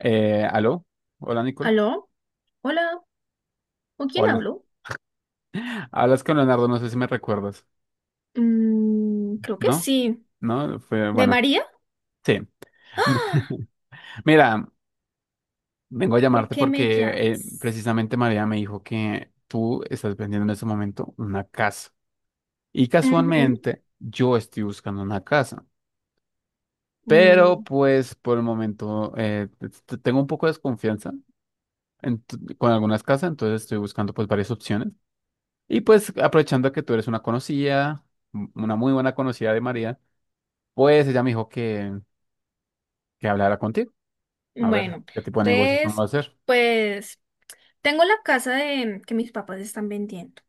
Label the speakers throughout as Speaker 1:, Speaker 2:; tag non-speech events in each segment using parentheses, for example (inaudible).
Speaker 1: ¿Aló? Hola, Nicole.
Speaker 2: ¿Aló? Hola, ¿con quién
Speaker 1: Hola.
Speaker 2: hablo?
Speaker 1: (laughs) Hablas con Leonardo, no sé si me recuerdas.
Speaker 2: Creo que
Speaker 1: ¿No?
Speaker 2: sí.
Speaker 1: ¿No? Fue,
Speaker 2: ¿De
Speaker 1: bueno,
Speaker 2: María?
Speaker 1: sí.
Speaker 2: ¡Ah!
Speaker 1: (laughs) Mira, vengo a
Speaker 2: ¿Por
Speaker 1: llamarte
Speaker 2: qué me
Speaker 1: porque
Speaker 2: llamas?
Speaker 1: precisamente María me dijo que tú estás vendiendo en este momento una casa. Y
Speaker 2: Ujú.
Speaker 1: casualmente yo estoy buscando una casa. Pero
Speaker 2: Mm,
Speaker 1: pues por el momento tengo un poco de desconfianza con algunas casas, entonces estoy buscando pues varias opciones. Y pues aprovechando que tú eres una conocida, una muy buena conocida de María, pues ella me dijo que hablara contigo. A ver,
Speaker 2: bueno,
Speaker 1: ¿qué tipo de negocios vamos a
Speaker 2: entonces,
Speaker 1: hacer?
Speaker 2: pues, tengo la casa de, que mis papás están vendiendo,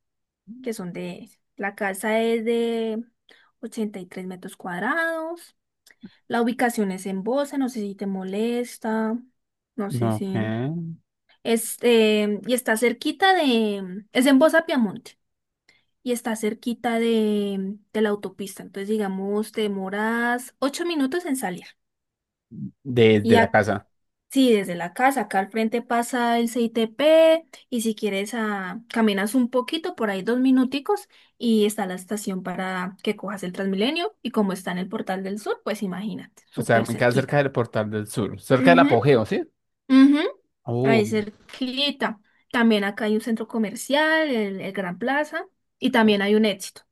Speaker 2: que son de, la casa es de 83 metros cuadrados. La ubicación es en Bosa, no sé si te molesta, no sé
Speaker 1: No,
Speaker 2: si,
Speaker 1: que
Speaker 2: este, y está cerquita de, es en Bosa, Piamonte. Y está cerquita de la autopista. Entonces, digamos, te demoras ocho minutos en salir. Y
Speaker 1: desde la
Speaker 2: ac-
Speaker 1: casa.
Speaker 2: sí, desde la casa, acá al frente pasa el CITP, y si quieres caminas un poquito, por ahí dos minuticos, y está la estación para que cojas el Transmilenio, y como está en el Portal del Sur, pues imagínate,
Speaker 1: O sea,
Speaker 2: súper
Speaker 1: me queda cerca
Speaker 2: cerquita.
Speaker 1: del Portal del Sur, cerca del
Speaker 2: Ujú,
Speaker 1: apogeo, ¿sí?
Speaker 2: ujú, ahí
Speaker 1: Oh.
Speaker 2: cerquita. También acá hay un centro comercial, el Gran Plaza, y también hay un Éxito.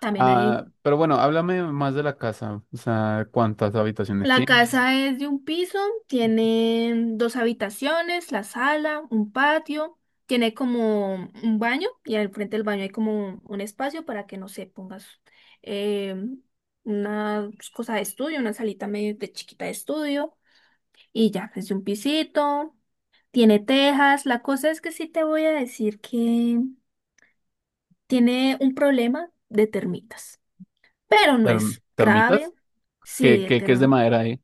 Speaker 2: También hay
Speaker 1: Ah, pero bueno, háblame más de la casa. O sea, ¿cuántas habitaciones
Speaker 2: La
Speaker 1: tiene?
Speaker 2: casa es de un piso, tiene dos habitaciones, la sala, un patio, tiene como un baño, y al frente del baño hay como un espacio para que, no sé, pongas eh, una cosa de estudio, una salita medio de chiquita de estudio, y ya, es de un pisito, tiene tejas. La cosa es que sí te voy a decir que tiene un problema de termitas, pero no es grave.
Speaker 1: ¿Termitas?
Speaker 2: Sí,
Speaker 1: ¿Qué,
Speaker 2: de
Speaker 1: qué, qué
Speaker 2: ter.
Speaker 1: es de madera ahí?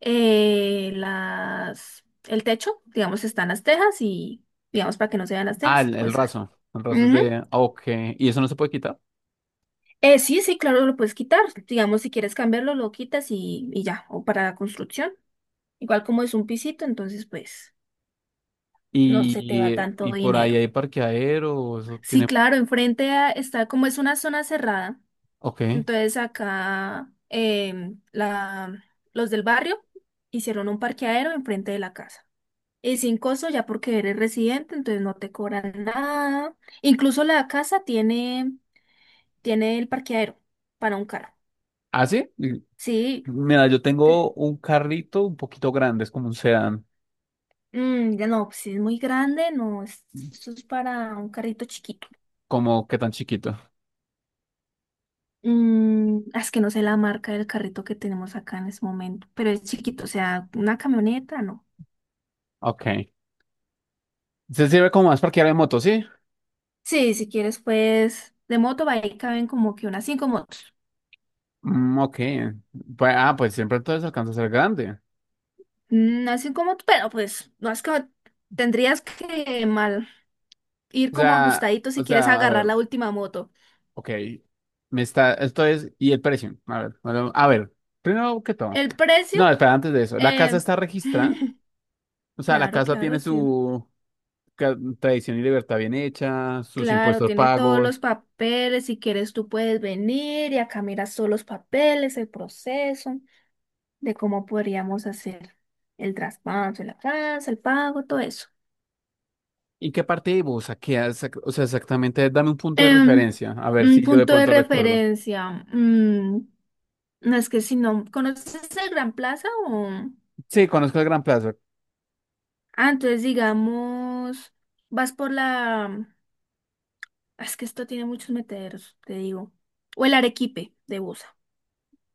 Speaker 2: El techo, digamos, están las tejas y, digamos, para que no se vean las
Speaker 1: Ah,
Speaker 2: tejas,
Speaker 1: el
Speaker 2: pues. Ah.
Speaker 1: raso. El raso es
Speaker 2: Ujú.
Speaker 1: de... ah, ok. ¿Y eso no se puede quitar?
Speaker 2: Sí, sí, claro, lo puedes quitar. Digamos, si quieres cambiarlo, lo quitas y ya, o para la construcción. Igual como es un pisito, entonces, pues, no se te va tanto
Speaker 1: Y por ahí
Speaker 2: dinero.
Speaker 1: hay parqueadero, eso
Speaker 2: Sí,
Speaker 1: tiene...
Speaker 2: claro, está, como es una zona cerrada,
Speaker 1: Ok.
Speaker 2: entonces acá los del barrio hicieron un parqueadero enfrente de la casa. Y sin costo ya porque eres residente, entonces no te cobran nada. Incluso la casa tiene, tiene el parqueadero para un carro.
Speaker 1: ¿Ah, sí? Y...
Speaker 2: Sí,
Speaker 1: Mira, yo
Speaker 2: te-
Speaker 1: tengo un carrito un poquito grande, es como un sedán,
Speaker 2: ya no, si es muy grande, no, eso es para un carrito chiquito.
Speaker 1: como que tan chiquito.
Speaker 2: Es que no sé la marca del carrito que tenemos acá en este momento, pero es chiquito, o sea, una camioneta, no.
Speaker 1: Ok. Se sirve como más parqueadero de moto, ¿sí?
Speaker 2: Sí, si quieres, pues, de moto, ahí caben como que unas cinco motos.
Speaker 1: Mm, ok. Pues, ah, pues siempre entonces alcanza a ser grande.
Speaker 2: Unas cinco motos, pero pues, no es que tendrías que mal. Ir
Speaker 1: O
Speaker 2: como
Speaker 1: sea,
Speaker 2: ajustadito
Speaker 1: o
Speaker 2: si quieres
Speaker 1: sea, a
Speaker 2: agarrar
Speaker 1: ver,
Speaker 2: la última moto.
Speaker 1: ok. Me está, esto es, y el precio. A ver, bueno, a ver, primero que todo.
Speaker 2: El precio,
Speaker 1: No, espera, antes de eso. La casa
Speaker 2: eh,
Speaker 1: está registrada.
Speaker 2: (laughs)
Speaker 1: O sea, la
Speaker 2: claro,
Speaker 1: casa tiene
Speaker 2: claro, tío.
Speaker 1: su, tradición y libertad bien hecha, sus
Speaker 2: Claro,
Speaker 1: impuestos
Speaker 2: tiene todos los
Speaker 1: pagos.
Speaker 2: papeles. Si quieres, tú puedes venir y acá miras todos los papeles, el proceso de cómo podríamos hacer el traspaso, el avance, el pago, todo eso.
Speaker 1: ¿Y qué parte de Busa? ¿Qué hace? O sea, exactamente, dame un punto de
Speaker 2: Em,
Speaker 1: referencia, a ver
Speaker 2: un
Speaker 1: si yo de
Speaker 2: punto de
Speaker 1: pronto recuerdo.
Speaker 2: referencia. mm, no, es que si no conoces el Gran Plaza o...
Speaker 1: Sí, conozco el Gran Plaza,
Speaker 2: Ah, entonces digamos, vas por la es que esto tiene muchos meteoros, te digo. O el Arequipe de Busa.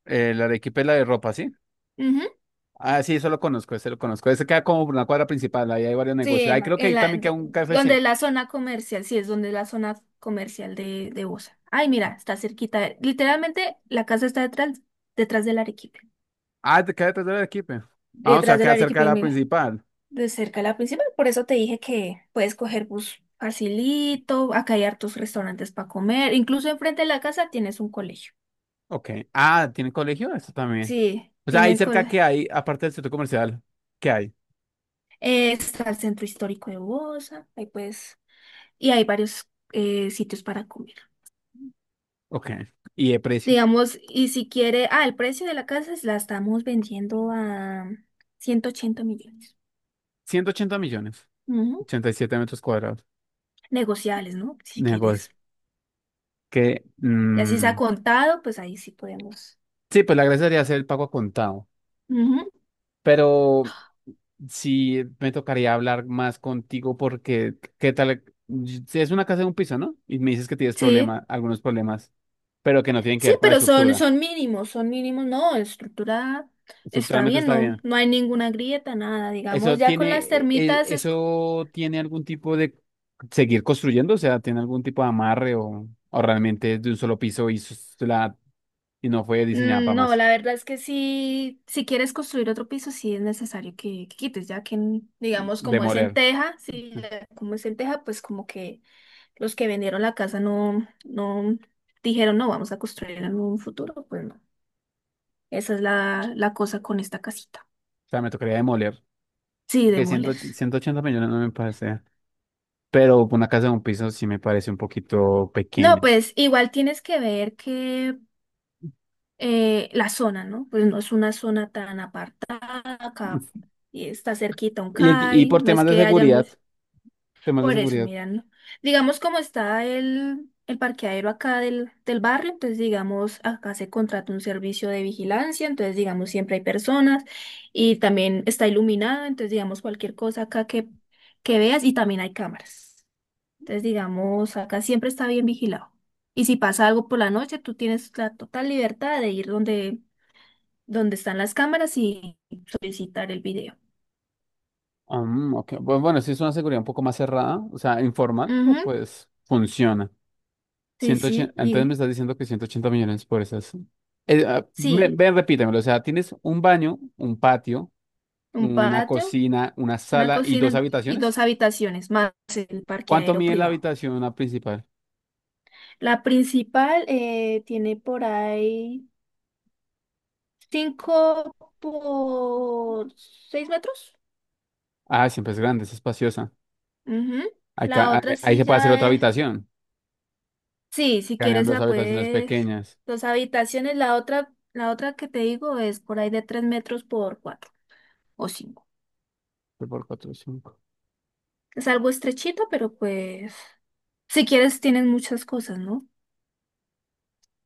Speaker 1: la Arequipa y la de ropa, ¿sí?
Speaker 2: Ujú.
Speaker 1: Ah, sí, eso lo conozco. Ese queda como por una cuadra principal, ahí hay varios
Speaker 2: Sí,
Speaker 1: negocios. Ahí creo que ahí también queda un
Speaker 2: donde
Speaker 1: KFC.
Speaker 2: la zona comercial, sí, es donde la zona comercial de Busa. Ay, mira, está cerquita. Literalmente la casa está detrás, detrás del Arequipe.
Speaker 1: Ah, te queda detrás de la Arequipa. Ah, o sea,
Speaker 2: Detrás del
Speaker 1: queda cerca de
Speaker 2: Arequipe,
Speaker 1: la
Speaker 2: mira,
Speaker 1: principal.
Speaker 2: de cerca la principal. Por eso te dije que puedes coger bus facilito, acá hay hartos restaurantes para comer. Incluso enfrente de la casa tienes un colegio.
Speaker 1: Ok. Ah, ¿tiene colegio? Eso también.
Speaker 2: Sí,
Speaker 1: O sea, ahí
Speaker 2: tienen
Speaker 1: cerca
Speaker 2: col
Speaker 1: que hay, aparte del centro comercial, ¿qué hay?
Speaker 2: está el centro histórico de Busa, ahí puedes, y hay varios sitios para comer.
Speaker 1: Ok. ¿Y de precios?
Speaker 2: Digamos, y si quiere, ah, el precio de la casa la estamos vendiendo a 180 millones.
Speaker 1: 180 millones.
Speaker 2: Ujú.
Speaker 1: 87 metros cuadrados.
Speaker 2: Negociables, ¿no? Si quieres.
Speaker 1: Negocio. Que,
Speaker 2: Y así se ha
Speaker 1: mm,
Speaker 2: contado, pues ahí sí podemos.
Speaker 1: sí, pues la gracia sería hacer el pago a contado.
Speaker 2: Ujú.
Speaker 1: Pero sí me tocaría hablar más contigo porque, ¿qué tal? Si es una casa de un piso, ¿no? Y me dices que tienes
Speaker 2: Sí,
Speaker 1: problemas, algunos problemas, pero que no tienen que
Speaker 2: sí,
Speaker 1: ver con la
Speaker 2: pero son,
Speaker 1: estructura.
Speaker 2: mínimos, son mínimos, no, estructura está
Speaker 1: Estructuralmente
Speaker 2: bien,
Speaker 1: está
Speaker 2: no,
Speaker 1: bien.
Speaker 2: no hay ninguna grieta, nada, digamos,
Speaker 1: ¿Eso
Speaker 2: ya con
Speaker 1: tiene,
Speaker 2: las
Speaker 1: e- e,
Speaker 2: termitas es.
Speaker 1: eso tiene algún tipo de seguir construyendo? O sea, ¿tiene algún tipo de amarre o realmente es de un solo piso y y no fue diseñada para
Speaker 2: No,
Speaker 1: más
Speaker 2: la verdad es que sí, si quieres construir otro piso, sí es necesario que, quites, ya que, digamos, como es en
Speaker 1: demoler?
Speaker 2: teja, sí,
Speaker 1: O
Speaker 2: ya como es en teja, pues como que los que vendieron la casa no, no dijeron, no, vamos a construir en un futuro, pues no. Esa es la, la cosa con esta casita.
Speaker 1: sea, me tocaría demoler.
Speaker 2: Sí,
Speaker 1: Porque
Speaker 2: demoler.
Speaker 1: 180 millones no me parece. Pero una casa de un piso sí me parece un poquito
Speaker 2: No,
Speaker 1: pequeña.
Speaker 2: pues igual tienes que ver que la zona, ¿no? Pues no es una zona tan apartada, acá, y está cerquita un
Speaker 1: Y
Speaker 2: CAI,
Speaker 1: por
Speaker 2: no es
Speaker 1: temas de
Speaker 2: que haya
Speaker 1: seguridad,
Speaker 2: mucho.
Speaker 1: temas de
Speaker 2: Por eso,
Speaker 1: seguridad.
Speaker 2: mira, ¿no? Digamos como está el parqueadero acá del barrio, entonces digamos, acá se contrata un servicio de vigilancia, entonces digamos, siempre hay personas, y también está iluminado, entonces digamos, cualquier cosa acá que veas, y también hay cámaras. Entonces digamos, acá siempre está bien vigilado. Y si pasa algo por la noche, tú tienes la total libertad de ir donde, donde están las cámaras y solicitar el video.
Speaker 1: Ah, mm, ok. Bueno, sí es una seguridad un poco más cerrada, o sea, informal, pero
Speaker 2: Ujú,
Speaker 1: pues funciona.
Speaker 2: sí,
Speaker 1: 180
Speaker 2: sí,
Speaker 1: entonces me
Speaker 2: y
Speaker 1: estás diciendo que 180 millones por esas. Ah,
Speaker 2: sí,
Speaker 1: ven, repítemelo. O sea, tienes un baño, un patio,
Speaker 2: un
Speaker 1: una
Speaker 2: patio.
Speaker 1: cocina, una
Speaker 2: Una
Speaker 1: sala y dos
Speaker 2: cocina y
Speaker 1: habitaciones.
Speaker 2: dos habitaciones, más el
Speaker 1: ¿Cuánto
Speaker 2: parqueadero
Speaker 1: mide la
Speaker 2: privado.
Speaker 1: habitación la principal?
Speaker 2: La principal tiene por ahí 5 por 6 metros.
Speaker 1: Ah, siempre es grande, es espaciosa.
Speaker 2: Ujú.
Speaker 1: Acá,
Speaker 2: La otra
Speaker 1: ahí
Speaker 2: sí
Speaker 1: se puede hacer otra
Speaker 2: ya es.
Speaker 1: habitación,
Speaker 2: Sí, si quieres
Speaker 1: cambiando dos
Speaker 2: la
Speaker 1: habitaciones
Speaker 2: puedes.
Speaker 1: pequeñas.
Speaker 2: Dos habitaciones, la otra que te digo es por ahí de 3 metros por 4 o cinco.
Speaker 1: Por cuatro, cinco.
Speaker 2: Es algo estrechito, pero pues. Si quieres tienes muchas cosas, ¿no?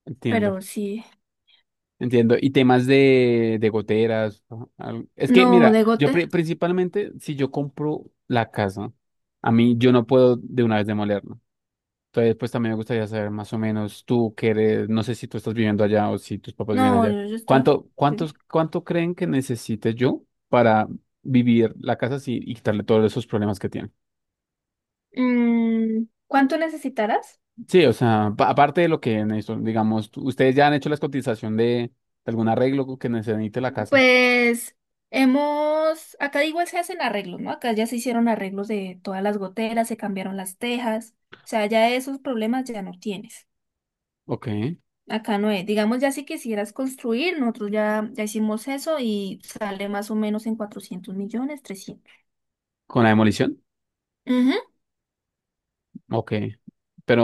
Speaker 1: Entiendo,
Speaker 2: Pero sí.
Speaker 1: entiendo. Y temas de goteras. ¿No? Es que,
Speaker 2: No,
Speaker 1: mira,
Speaker 2: de
Speaker 1: yo
Speaker 2: gote.
Speaker 1: principalmente, si yo compro la casa, a mí yo no puedo de una vez demolerla. Entonces, pues también me gustaría saber más o menos tú que eres, no sé si tú estás viviendo allá o si tus papás viven
Speaker 2: No,
Speaker 1: allá.
Speaker 2: yo está.
Speaker 1: ¿ cuánto creen que necesite yo para vivir la casa así y quitarle todos esos problemas que tiene?
Speaker 2: ¿Cuánto necesitarás?
Speaker 1: Sí, o sea, aparte de lo que en eso, digamos, ustedes ya han hecho la cotización de algún arreglo que necesite la casa.
Speaker 2: Pues hemos, acá igual se hacen arreglos, ¿no? Acá ya se hicieron arreglos de todas las goteras, se cambiaron las tejas, o sea, ya esos problemas ya no tienes.
Speaker 1: Ok.
Speaker 2: Acá no es, digamos ya si quisieras construir, nosotros ya, hicimos eso y sale más o menos en 400 millones, 300.
Speaker 1: ¿Con la demolición?
Speaker 2: Ujú,
Speaker 1: Ok.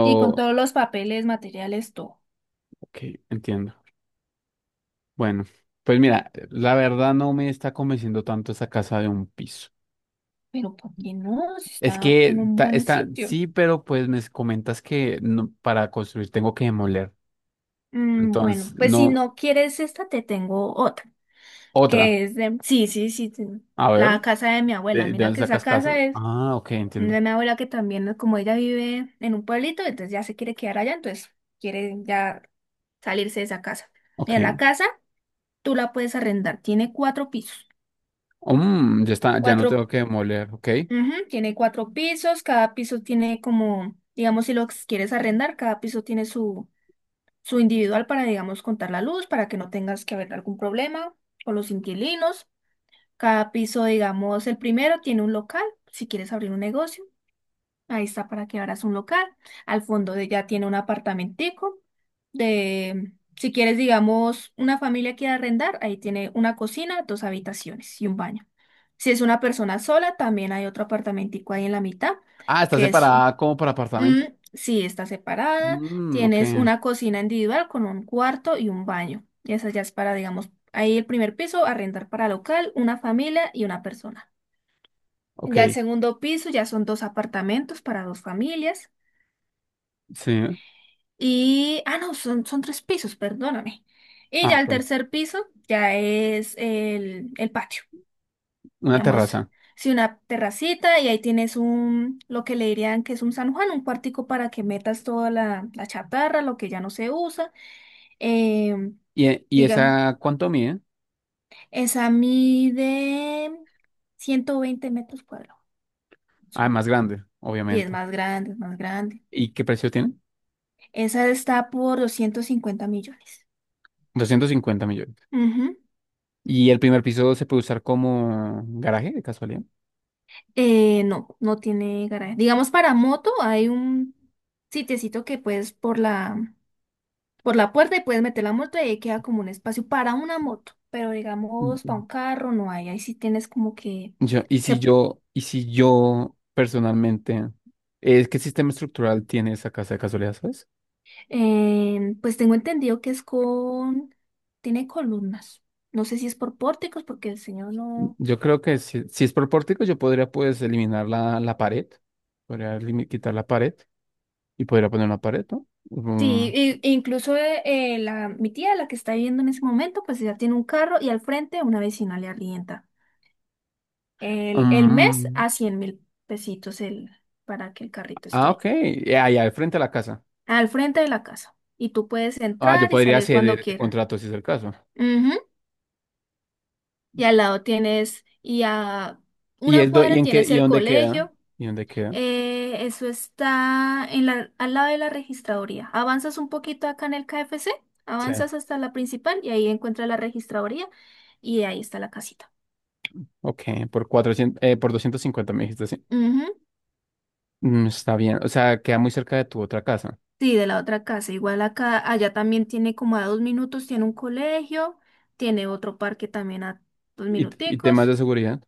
Speaker 2: y con todos los papeles, materiales, todo.
Speaker 1: ok, entiendo. Bueno, pues mira, la verdad no me está convenciendo tanto esa casa de un piso.
Speaker 2: Pero ¿por qué no? Si
Speaker 1: Es
Speaker 2: está
Speaker 1: que
Speaker 2: en un buen sitio.
Speaker 1: sí, pero pues me comentas que no- para construir tengo que demoler.
Speaker 2: Bueno,
Speaker 1: Entonces,
Speaker 2: pues si
Speaker 1: no,
Speaker 2: no quieres esta, te tengo otra.
Speaker 1: otra.
Speaker 2: Que es de, sí, sí, sí, sí,
Speaker 1: A ver,
Speaker 2: la casa de mi abuela.
Speaker 1: ¿ de
Speaker 2: Mira
Speaker 1: dónde
Speaker 2: que esa
Speaker 1: sacas casas?
Speaker 2: casa es
Speaker 1: Ah, ok, entiendo.
Speaker 2: de mi abuela, que también, como ella vive en un pueblito, entonces ya se quiere quedar allá, entonces quiere ya salirse de esa casa.
Speaker 1: Ok.
Speaker 2: Mira, la casa tú la puedes arrendar, tiene cuatro pisos,
Speaker 1: Mm, ya está, ya no
Speaker 2: cuatro,
Speaker 1: tengo que demoler, ok.
Speaker 2: ujú, tiene cuatro pisos, cada piso tiene como, digamos, si lo quieres arrendar, cada piso tiene su, su individual para, digamos, contar la luz, para que no tengas que haber algún problema con los inquilinos. Cada piso, digamos, el primero tiene un local, si quieres abrir un negocio, ahí está para que abras un local. Ya tiene un apartamentico de, si quieres, digamos, una familia quiere arrendar, ahí tiene una cocina, dos habitaciones y un baño. Si es una persona sola, también hay otro apartamentico ahí en la mitad,
Speaker 1: Ah, está
Speaker 2: que es
Speaker 1: separada como por
Speaker 2: Mm,
Speaker 1: apartamento.
Speaker 2: sí, está separada.
Speaker 1: Mm, ok,
Speaker 2: Tienes una cocina individual con un cuarto y un baño. Y esa ya es para, digamos, ahí el primer piso, arrendar para local, una familia y una persona.
Speaker 1: ok,
Speaker 2: Ya el segundo piso ya son dos apartamentos para dos familias.
Speaker 1: sí.
Speaker 2: Y, no, son, tres pisos, perdóname. Y
Speaker 1: Ah,
Speaker 2: ya el
Speaker 1: ok.
Speaker 2: tercer piso ya es el patio.
Speaker 1: Una
Speaker 2: Digamos,
Speaker 1: terraza.
Speaker 2: si una terracita, y ahí tienes un, lo que le dirían que es un San Juan, un cuartico para que metas toda la, la chatarra, lo que ya no se usa. Eh,
Speaker 1: ¿Y, y
Speaker 2: diga,
Speaker 1: esa cuánto mide?
Speaker 2: Esa mide 120 metros cuadrados, más o
Speaker 1: Ah,
Speaker 2: menos.
Speaker 1: más grande,
Speaker 2: Y es
Speaker 1: obviamente.
Speaker 2: más grande, es más grande.
Speaker 1: ¿Y qué precio tiene?
Speaker 2: Esa está por 250 millones.
Speaker 1: 250 millones.
Speaker 2: Ujú.
Speaker 1: ¿Y el primer piso se puede usar como garaje de casualidad?
Speaker 2: No, no tiene garaje. Digamos, para moto hay un sitiecito que puedes por la puerta y puedes meter la moto y ahí queda como un espacio para una moto. Pero digamos, para
Speaker 1: Mm.
Speaker 2: un carro no hay. Ahí sí tienes como que. Se
Speaker 1: Y si yo personalmente, ¿qué sistema estructural tiene esa casa de casualidad, sabes?
Speaker 2: Pues tengo entendido que es con. Tiene columnas. No sé si es por pórticos, porque el señor no.
Speaker 1: Yo creo que si es por pórtico, yo podría pues eliminar la pared. Podría quitar la pared y podría poner una pared, ¿no? Mm,
Speaker 2: Sí, incluso mi tía, la que está viviendo en ese momento, pues ella tiene un carro y al frente una vecina le arrienda. El mes
Speaker 1: mm.
Speaker 2: a 100 mil pesitos para que el carrito
Speaker 1: Ah,
Speaker 2: esté ahí.
Speaker 1: ok. Ya, ya, al frente a la casa.
Speaker 2: Al frente de la casa. Y tú puedes
Speaker 1: Ah, yo
Speaker 2: entrar y
Speaker 1: podría
Speaker 2: salir
Speaker 1: ceder
Speaker 2: cuando
Speaker 1: este
Speaker 2: quieras.
Speaker 1: contrato si es el caso.
Speaker 2: Ujú. Y al lado tienes, y a una
Speaker 1: ¿Y
Speaker 2: cuadra
Speaker 1: en qué,
Speaker 2: tienes
Speaker 1: y
Speaker 2: el
Speaker 1: dónde queda?
Speaker 2: colegio.
Speaker 1: ¿Y dónde queda?
Speaker 2: Eso está al lado de la registraduría. Avanzas un poquito acá en el KFC,
Speaker 1: Sí.
Speaker 2: avanzas hasta la principal y ahí encuentras la registraduría y ahí está la casita.
Speaker 1: Ok, por 400 por 250 me dijiste, sí.
Speaker 2: Ujú.
Speaker 1: Mm, está bien. O sea, queda muy cerca de tu otra casa.
Speaker 2: Sí, de la otra casa. Igual acá, allá también tiene como a dos minutos, tiene un colegio, tiene otro parque también a dos
Speaker 1: ¿Y, y temas
Speaker 2: minuticos.
Speaker 1: de seguridad?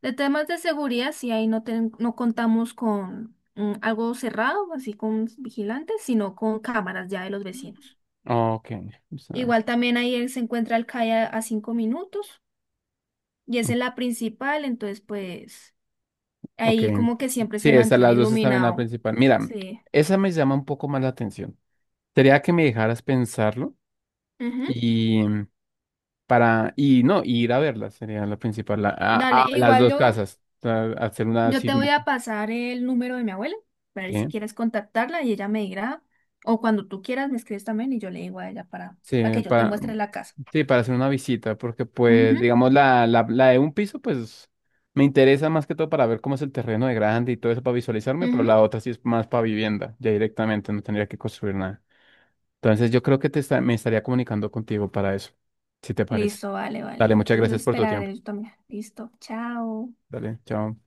Speaker 2: De temas de seguridad, sí, ahí no, no contamos con algo cerrado, así con vigilantes, sino con cámaras ya de los vecinos.
Speaker 1: Ok. O sea.
Speaker 2: Igual también ahí se encuentra el CAI a, I a cinco minutos, y esa es la principal, entonces pues
Speaker 1: Ok.
Speaker 2: ahí como que siempre
Speaker 1: Sí,
Speaker 2: se
Speaker 1: esas
Speaker 2: mantiene
Speaker 1: las dos están en la
Speaker 2: iluminado.
Speaker 1: principal. Mira,
Speaker 2: Sí.
Speaker 1: esa me llama un poco más la atención. Sería que me dejaras pensarlo
Speaker 2: Ujú.
Speaker 1: y para, y no, y ir a verlas sería la principal,
Speaker 2: Dale,
Speaker 1: a las
Speaker 2: igual
Speaker 1: dos
Speaker 2: yo,
Speaker 1: casas. O hacer una, sí,
Speaker 2: te voy a pasar el número de mi abuela para ver si
Speaker 1: sí,
Speaker 2: quieres contactarla y ella me dirá, o cuando tú quieras me escribes también y yo le digo a ella
Speaker 1: sí,
Speaker 2: para que yo te
Speaker 1: para,
Speaker 2: muestre la casa.
Speaker 1: sí, para hacer una visita, porque pues,
Speaker 2: Ujú,
Speaker 1: digamos, la de un piso, pues, me interesa más que todo para ver cómo es el terreno de grande y todo eso para visualizarme, pero
Speaker 2: ujú.
Speaker 1: la otra sí es más para vivienda, ya directamente, no tendría que construir nada. Entonces yo creo que me estaría comunicando contigo para eso, si te parece.
Speaker 2: Listo, vale,
Speaker 1: Dale,
Speaker 2: vale.
Speaker 1: muchas gracias
Speaker 2: Entonces
Speaker 1: por tu tiempo.
Speaker 2: esperaré yo también. Listo, chao.
Speaker 1: Dale, chao.